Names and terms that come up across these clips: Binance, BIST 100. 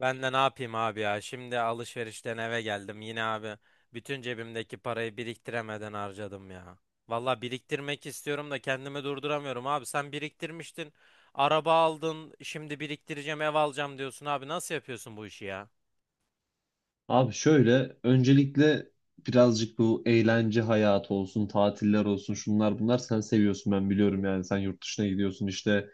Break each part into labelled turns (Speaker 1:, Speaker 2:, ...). Speaker 1: Ben de ne yapayım abi ya? Şimdi alışverişten eve geldim. Yine abi bütün cebimdeki parayı biriktiremeden harcadım ya. Valla biriktirmek istiyorum da kendimi durduramıyorum abi. Sen biriktirmiştin. Araba aldın. Şimdi biriktireceğim ev alacağım diyorsun abi. Nasıl yapıyorsun bu işi ya?
Speaker 2: Abi şöyle öncelikle birazcık bu eğlence hayatı olsun, tatiller olsun, şunlar bunlar sen seviyorsun ben biliyorum yani sen yurt dışına gidiyorsun işte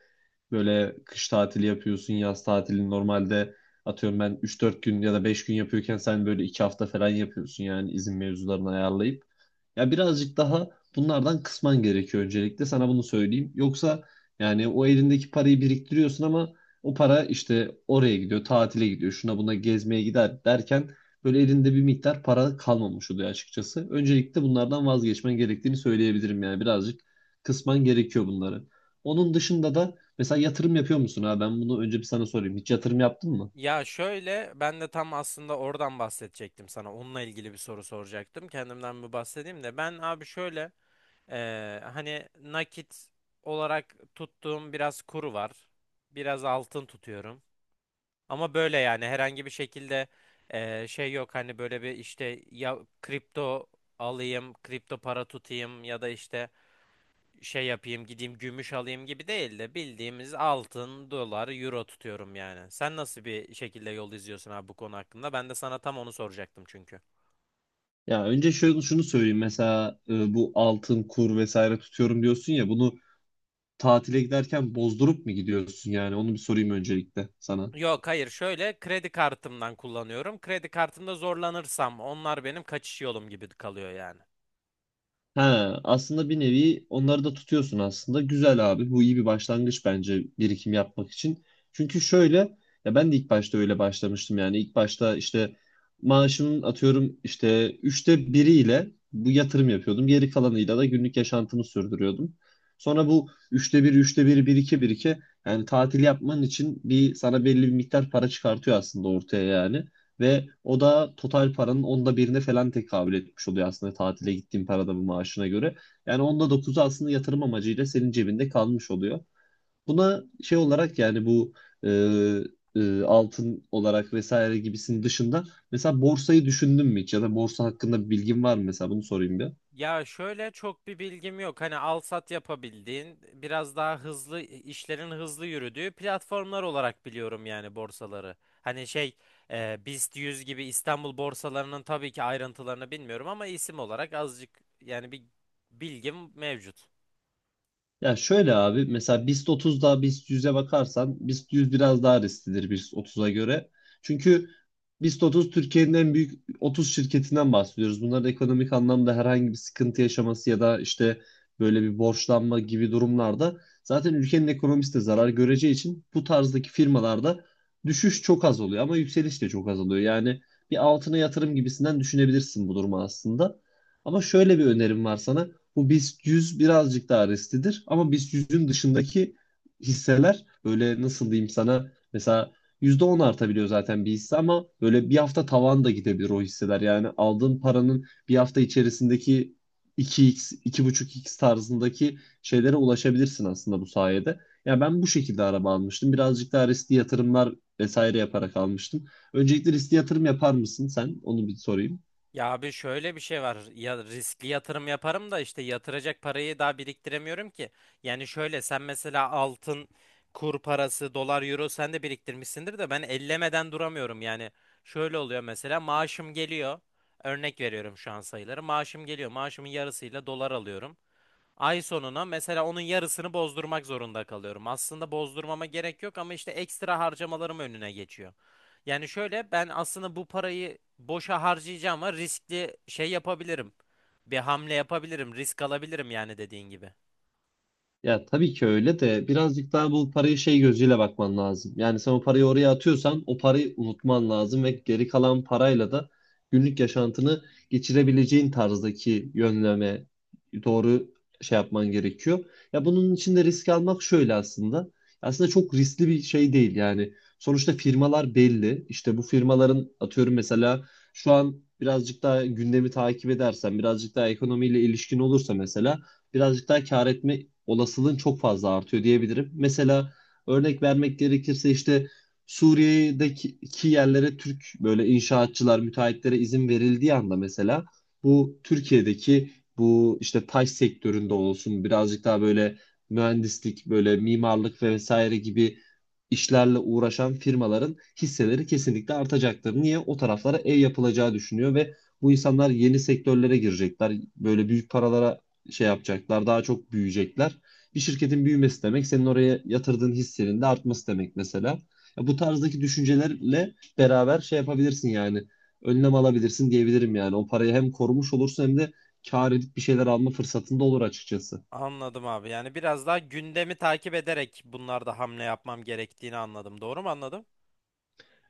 Speaker 2: böyle kış tatili yapıyorsun, yaz tatili normalde atıyorum ben üç dört gün ya da 5 gün yapıyorken sen böyle 2 hafta falan yapıyorsun yani izin mevzularını ayarlayıp. Ya birazcık daha bunlardan kısman gerekiyor öncelikle sana bunu söyleyeyim. Yoksa yani o elindeki parayı biriktiriyorsun ama o para işte oraya gidiyor, tatile gidiyor, şuna buna gezmeye gider derken böyle elinde bir miktar para kalmamış oluyor açıkçası. Öncelikle bunlardan vazgeçmen gerektiğini söyleyebilirim yani birazcık kısman gerekiyor bunları. Onun dışında da mesela yatırım yapıyor musun ha? Ben bunu önce bir sana sorayım. Hiç yatırım yaptın mı?
Speaker 1: Ya şöyle ben de tam aslında oradan bahsedecektim sana. Onunla ilgili bir soru soracaktım. Kendimden bir bahsedeyim de. Ben abi şöyle hani nakit olarak tuttuğum biraz kuru var. Biraz altın tutuyorum. Ama böyle yani herhangi bir şekilde şey yok hani böyle bir işte ya kripto alayım, kripto para tutayım ya da işte şey yapayım, gideyim gümüş alayım gibi değil de bildiğimiz altın, dolar, euro tutuyorum yani. Sen nasıl bir şekilde yol izliyorsun abi bu konu hakkında? Ben de sana tam onu soracaktım çünkü.
Speaker 2: Ya önce şöyle şunu söyleyeyim. Mesela bu altın, kur vesaire tutuyorum diyorsun ya bunu tatile giderken bozdurup mu gidiyorsun yani? Onu bir sorayım öncelikle sana.
Speaker 1: Yok, hayır, şöyle kredi kartımdan kullanıyorum. Kredi kartımda zorlanırsam onlar benim kaçış yolum gibi kalıyor yani.
Speaker 2: Ha, aslında bir nevi onları da tutuyorsun aslında. Güzel abi. Bu iyi bir başlangıç bence birikim yapmak için. Çünkü şöyle ya ben de ilk başta öyle başlamıştım yani. İlk başta işte maaşımın atıyorum işte üçte biriyle bu yatırım yapıyordum. Geri kalanıyla da günlük yaşantımı sürdürüyordum. Sonra bu üçte bir, üçte bir, bir iki, bir iki yani tatil yapman için bir sana belli bir miktar para çıkartıyor aslında ortaya yani. Ve o da total paranın onda birine falan tekabül etmiş oluyor aslında tatile gittiğin paranın maaşına göre. Yani onda dokuzu aslında yatırım amacıyla senin cebinde kalmış oluyor. Buna şey olarak yani bu e, altın olarak vesaire gibisinin dışında mesela borsayı düşündün mü hiç ya da borsa hakkında bir bilgin var mı mesela bunu sorayım bir.
Speaker 1: Ya şöyle çok bir bilgim yok. Hani al sat yapabildiğin, biraz daha hızlı işlerin hızlı yürüdüğü platformlar olarak biliyorum yani borsaları. Hani şey BIST 100 gibi İstanbul borsalarının tabii ki ayrıntılarını bilmiyorum ama isim olarak azıcık yani bir bilgim mevcut.
Speaker 2: Ya şöyle abi mesela BIST 30'da BIST 100'e bakarsan BIST 100 biraz daha risklidir BIST 30'a göre. Çünkü BIST 30 Türkiye'nin en büyük 30 şirketinden bahsediyoruz. Bunların ekonomik anlamda herhangi bir sıkıntı yaşaması ya da işte böyle bir borçlanma gibi durumlarda zaten ülkenin ekonomisi de zarar göreceği için bu tarzdaki firmalarda düşüş çok az oluyor ama yükseliş de çok az oluyor. Yani bir altına yatırım gibisinden düşünebilirsin bu durumu aslında. Ama şöyle bir önerim var sana. Bu BIST 100 birazcık daha risklidir ama BIST yüzün dışındaki hisseler böyle nasıl diyeyim sana mesela %10 artabiliyor zaten bir hisse ama böyle bir hafta tavan da gidebilir o hisseler. Yani aldığın paranın bir hafta içerisindeki iki x 2,5x tarzındaki şeylere ulaşabilirsin aslında bu sayede. Ya ben bu şekilde araba almıştım. Birazcık daha riskli yatırımlar vesaire yaparak almıştım. Öncelikle riskli yatırım yapar mısın sen? Onu bir sorayım.
Speaker 1: Ya abi şöyle bir şey var. Ya riskli yatırım yaparım da işte yatıracak parayı daha biriktiremiyorum ki. Yani şöyle sen mesela altın, kur parası, dolar, euro sen de biriktirmişsindir de ben ellemeden duramıyorum. Yani şöyle oluyor mesela maaşım geliyor. Örnek veriyorum şu an sayıları. Maaşım geliyor. Maaşımın yarısıyla dolar alıyorum. Ay sonuna mesela onun yarısını bozdurmak zorunda kalıyorum. Aslında bozdurmama gerek yok ama işte ekstra harcamalarım önüne geçiyor. Yani şöyle ben aslında bu parayı boşa harcayacağım ama riskli şey yapabilirim. Bir hamle yapabilirim, risk alabilirim yani dediğin gibi.
Speaker 2: Ya tabii ki öyle de birazcık daha bu parayı şey gözüyle bakman lazım. Yani sen o parayı oraya atıyorsan o parayı unutman lazım ve geri kalan parayla da günlük yaşantını geçirebileceğin tarzdaki yönleme doğru şey yapman gerekiyor. Ya bunun için de risk almak şöyle aslında. Aslında çok riskli bir şey değil yani. Sonuçta firmalar belli. İşte bu firmaların atıyorum mesela şu an birazcık daha gündemi takip edersen, birazcık daha ekonomiyle ilişkin olursa mesela birazcık daha kâr etme olasılığın çok fazla artıyor diyebilirim. Mesela örnek vermek gerekirse işte Suriye'deki yerlere Türk böyle inşaatçılar, müteahhitlere izin verildiği anda mesela bu Türkiye'deki bu işte taş sektöründe olsun birazcık daha böyle mühendislik, böyle mimarlık ve vesaire gibi işlerle uğraşan firmaların hisseleri kesinlikle artacaktır. Niye? O taraflara ev yapılacağı düşünüyor ve bu insanlar yeni sektörlere girecekler. Böyle büyük paralara şey yapacaklar. Daha çok büyüyecekler. Bir şirketin büyümesi demek senin oraya yatırdığın hissenin de artması demek mesela. Ya bu tarzdaki düşüncelerle beraber şey yapabilirsin yani. Önlem alabilirsin diyebilirim yani. O parayı hem korumuş olursun hem de kâr edip bir şeyler alma fırsatında olur açıkçası.
Speaker 1: Anladım abi. Yani biraz daha gündemi takip ederek bunlarda hamle yapmam gerektiğini anladım. Doğru mu anladım?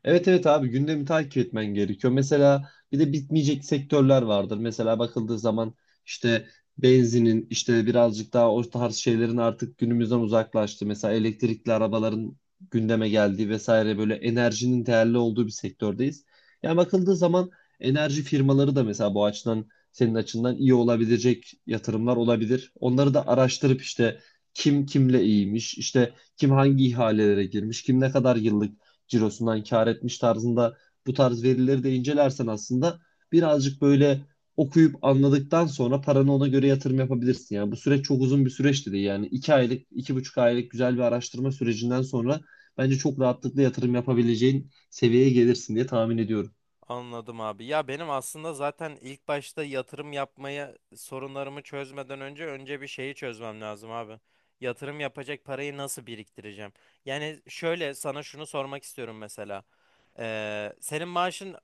Speaker 2: Evet, evet abi, gündemi takip etmen gerekiyor. Mesela bir de bitmeyecek sektörler vardır. Mesela bakıldığı zaman işte benzinin işte birazcık daha o tarz şeylerin artık günümüzden uzaklaştı. Mesela elektrikli arabaların gündeme geldiği vesaire böyle enerjinin değerli olduğu bir sektördeyiz. Yani bakıldığı zaman enerji firmaları da mesela bu açıdan senin açından iyi olabilecek yatırımlar olabilir. Onları da araştırıp işte kim kimle iyiymiş, işte kim hangi ihalelere girmiş, kim ne kadar yıllık cirosundan kar etmiş tarzında bu tarz verileri de incelersen aslında birazcık böyle okuyup anladıktan sonra paranı ona göre yatırım yapabilirsin. Yani bu süreç çok uzun bir süreç değil. Yani iki aylık, iki buçuk aylık güzel bir araştırma sürecinden sonra bence çok rahatlıkla yatırım yapabileceğin seviyeye gelirsin diye tahmin ediyorum.
Speaker 1: Anladım abi. Ya benim aslında zaten ilk başta yatırım yapmaya sorunlarımı çözmeden önce bir şeyi çözmem lazım abi. Yatırım yapacak parayı nasıl biriktireceğim? Yani şöyle sana şunu sormak istiyorum mesela. Ee, senin maaşın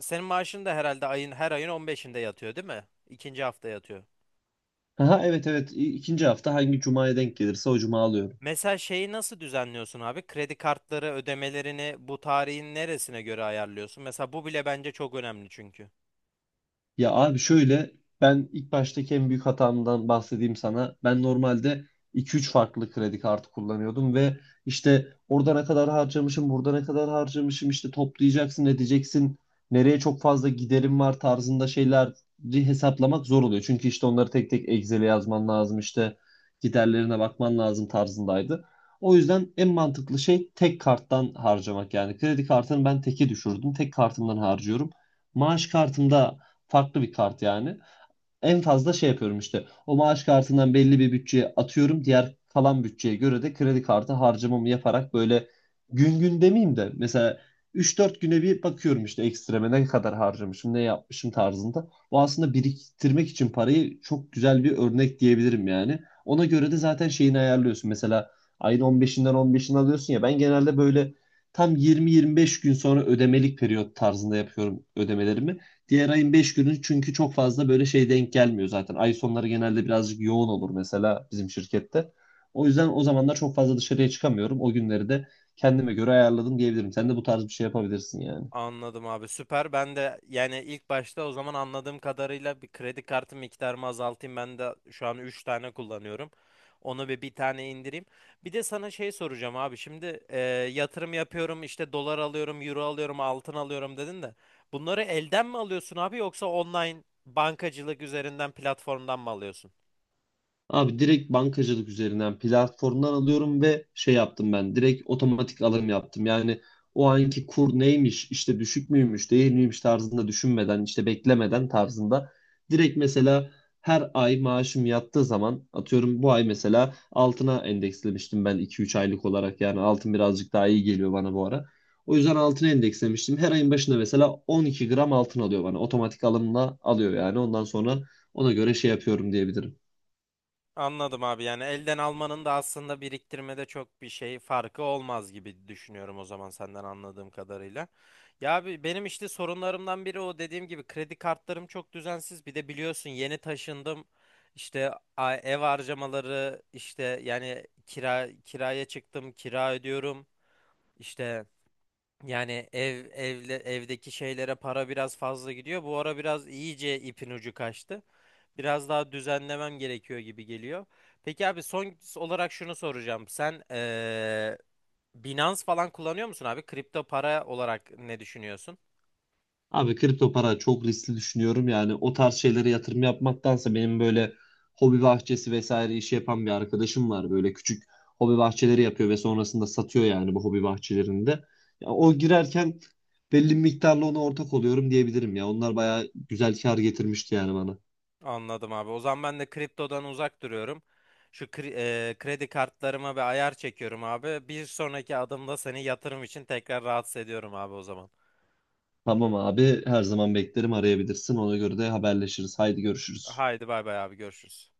Speaker 1: senin maaşın da herhalde her ayın 15'inde yatıyor, değil mi? İkinci hafta yatıyor.
Speaker 2: Aha, evet, evet. İkinci hafta hangi cumaya denk gelirse o cuma alıyorum.
Speaker 1: Mesela şeyi nasıl düzenliyorsun abi? Kredi kartları ödemelerini bu tarihin neresine göre ayarlıyorsun? Mesela bu bile bence çok önemli çünkü.
Speaker 2: Ya abi şöyle ben ilk baştaki en büyük hatamdan bahsedeyim sana. Ben normalde iki üç farklı kredi kartı kullanıyordum ve işte orada ne kadar harcamışım, burada ne kadar harcamışım işte toplayacaksın, edeceksin. Nereye çok fazla giderim var tarzında şeyleri hesaplamak zor oluyor. Çünkü işte onları tek tek Excel'e yazman lazım işte giderlerine bakman lazım tarzındaydı. O yüzden en mantıklı şey tek karttan harcamak yani. Kredi kartını ben teke düşürdüm. Tek kartımdan harcıyorum. Maaş kartımda farklı bir kart yani. En fazla şey yapıyorum işte. O maaş kartından belli bir bütçeye atıyorum. Diğer kalan bütçeye göre de kredi kartı harcamamı yaparak böyle gün gün demeyeyim de mesela 3-4 güne bir bakıyorum işte ekstreme ne kadar harcamışım, ne yapmışım tarzında. Bu aslında biriktirmek için parayı çok güzel bir örnek diyebilirim yani. Ona göre de zaten şeyini ayarlıyorsun. Mesela ayın 15'inden 15'ini alıyorsun ya ben genelde böyle tam 20-25 gün sonra ödemelik periyot tarzında yapıyorum ödemelerimi. Diğer ayın 5 günü çünkü çok fazla böyle şey denk gelmiyor zaten. Ay sonları genelde birazcık yoğun olur mesela bizim şirkette. O yüzden o zamanlar çok fazla dışarıya çıkamıyorum. O günleri de kendime göre ayarladım diyebilirim. Sen de bu tarz bir şey yapabilirsin yani.
Speaker 1: Anladım abi, süper. Ben de yani ilk başta o zaman anladığım kadarıyla bir kredi kartı miktarımı azaltayım. Ben de şu an 3 tane kullanıyorum. Onu bir tane indireyim. Bir de sana şey soracağım abi. Şimdi yatırım yapıyorum işte dolar alıyorum, euro alıyorum, altın alıyorum dedin de. Bunları elden mi alıyorsun abi yoksa online bankacılık üzerinden platformdan mı alıyorsun?
Speaker 2: Abi direkt bankacılık üzerinden platformdan alıyorum ve şey yaptım ben. Direkt otomatik alım yaptım. Yani o anki kur neymiş, işte düşük müymüş, değil miymiş tarzında düşünmeden, işte beklemeden tarzında. Direkt mesela her ay maaşım yattığı zaman atıyorum bu ay mesela altına endekslemiştim ben 2-3 aylık olarak. Yani altın birazcık daha iyi geliyor bana bu ara. O yüzden altına endekslemiştim. Her ayın başında mesela 12 gram altın alıyor bana. Otomatik alımla alıyor yani. Ondan sonra ona göre şey yapıyorum diyebilirim.
Speaker 1: Anladım abi, yani elden almanın da aslında biriktirmede çok bir şey farkı olmaz gibi düşünüyorum o zaman senden anladığım kadarıyla. Ya abi benim işte sorunlarımdan biri o dediğim gibi kredi kartlarım çok düzensiz. Bir de biliyorsun yeni taşındım. İşte ev harcamaları işte yani kiraya çıktım, kira ödüyorum. İşte yani evle evdeki şeylere para biraz fazla gidiyor. Bu ara biraz iyice ipin ucu kaçtı. Biraz daha düzenlemem gerekiyor gibi geliyor. Peki abi, son olarak şunu soracağım. Sen Binance falan kullanıyor musun abi? Kripto para olarak ne düşünüyorsun?
Speaker 2: Abi kripto para çok riskli düşünüyorum. Yani o tarz şeylere yatırım yapmaktansa benim böyle hobi bahçesi vesaire işi yapan bir arkadaşım var. Böyle küçük hobi bahçeleri yapıyor ve sonrasında satıyor yani bu hobi bahçelerinde. Ya o girerken belli bir miktarla ona ortak oluyorum diyebilirim ya. Onlar bayağı güzel kar getirmişti yani bana.
Speaker 1: Anladım abi. O zaman ben de kriptodan uzak duruyorum. Kredi kartlarıma bir ayar çekiyorum abi. Bir sonraki adımda seni yatırım için tekrar rahatsız ediyorum abi o zaman.
Speaker 2: Tamam abi, her zaman beklerim arayabilirsin. Ona göre de haberleşiriz. Haydi görüşürüz.
Speaker 1: Haydi bay bay abi, görüşürüz.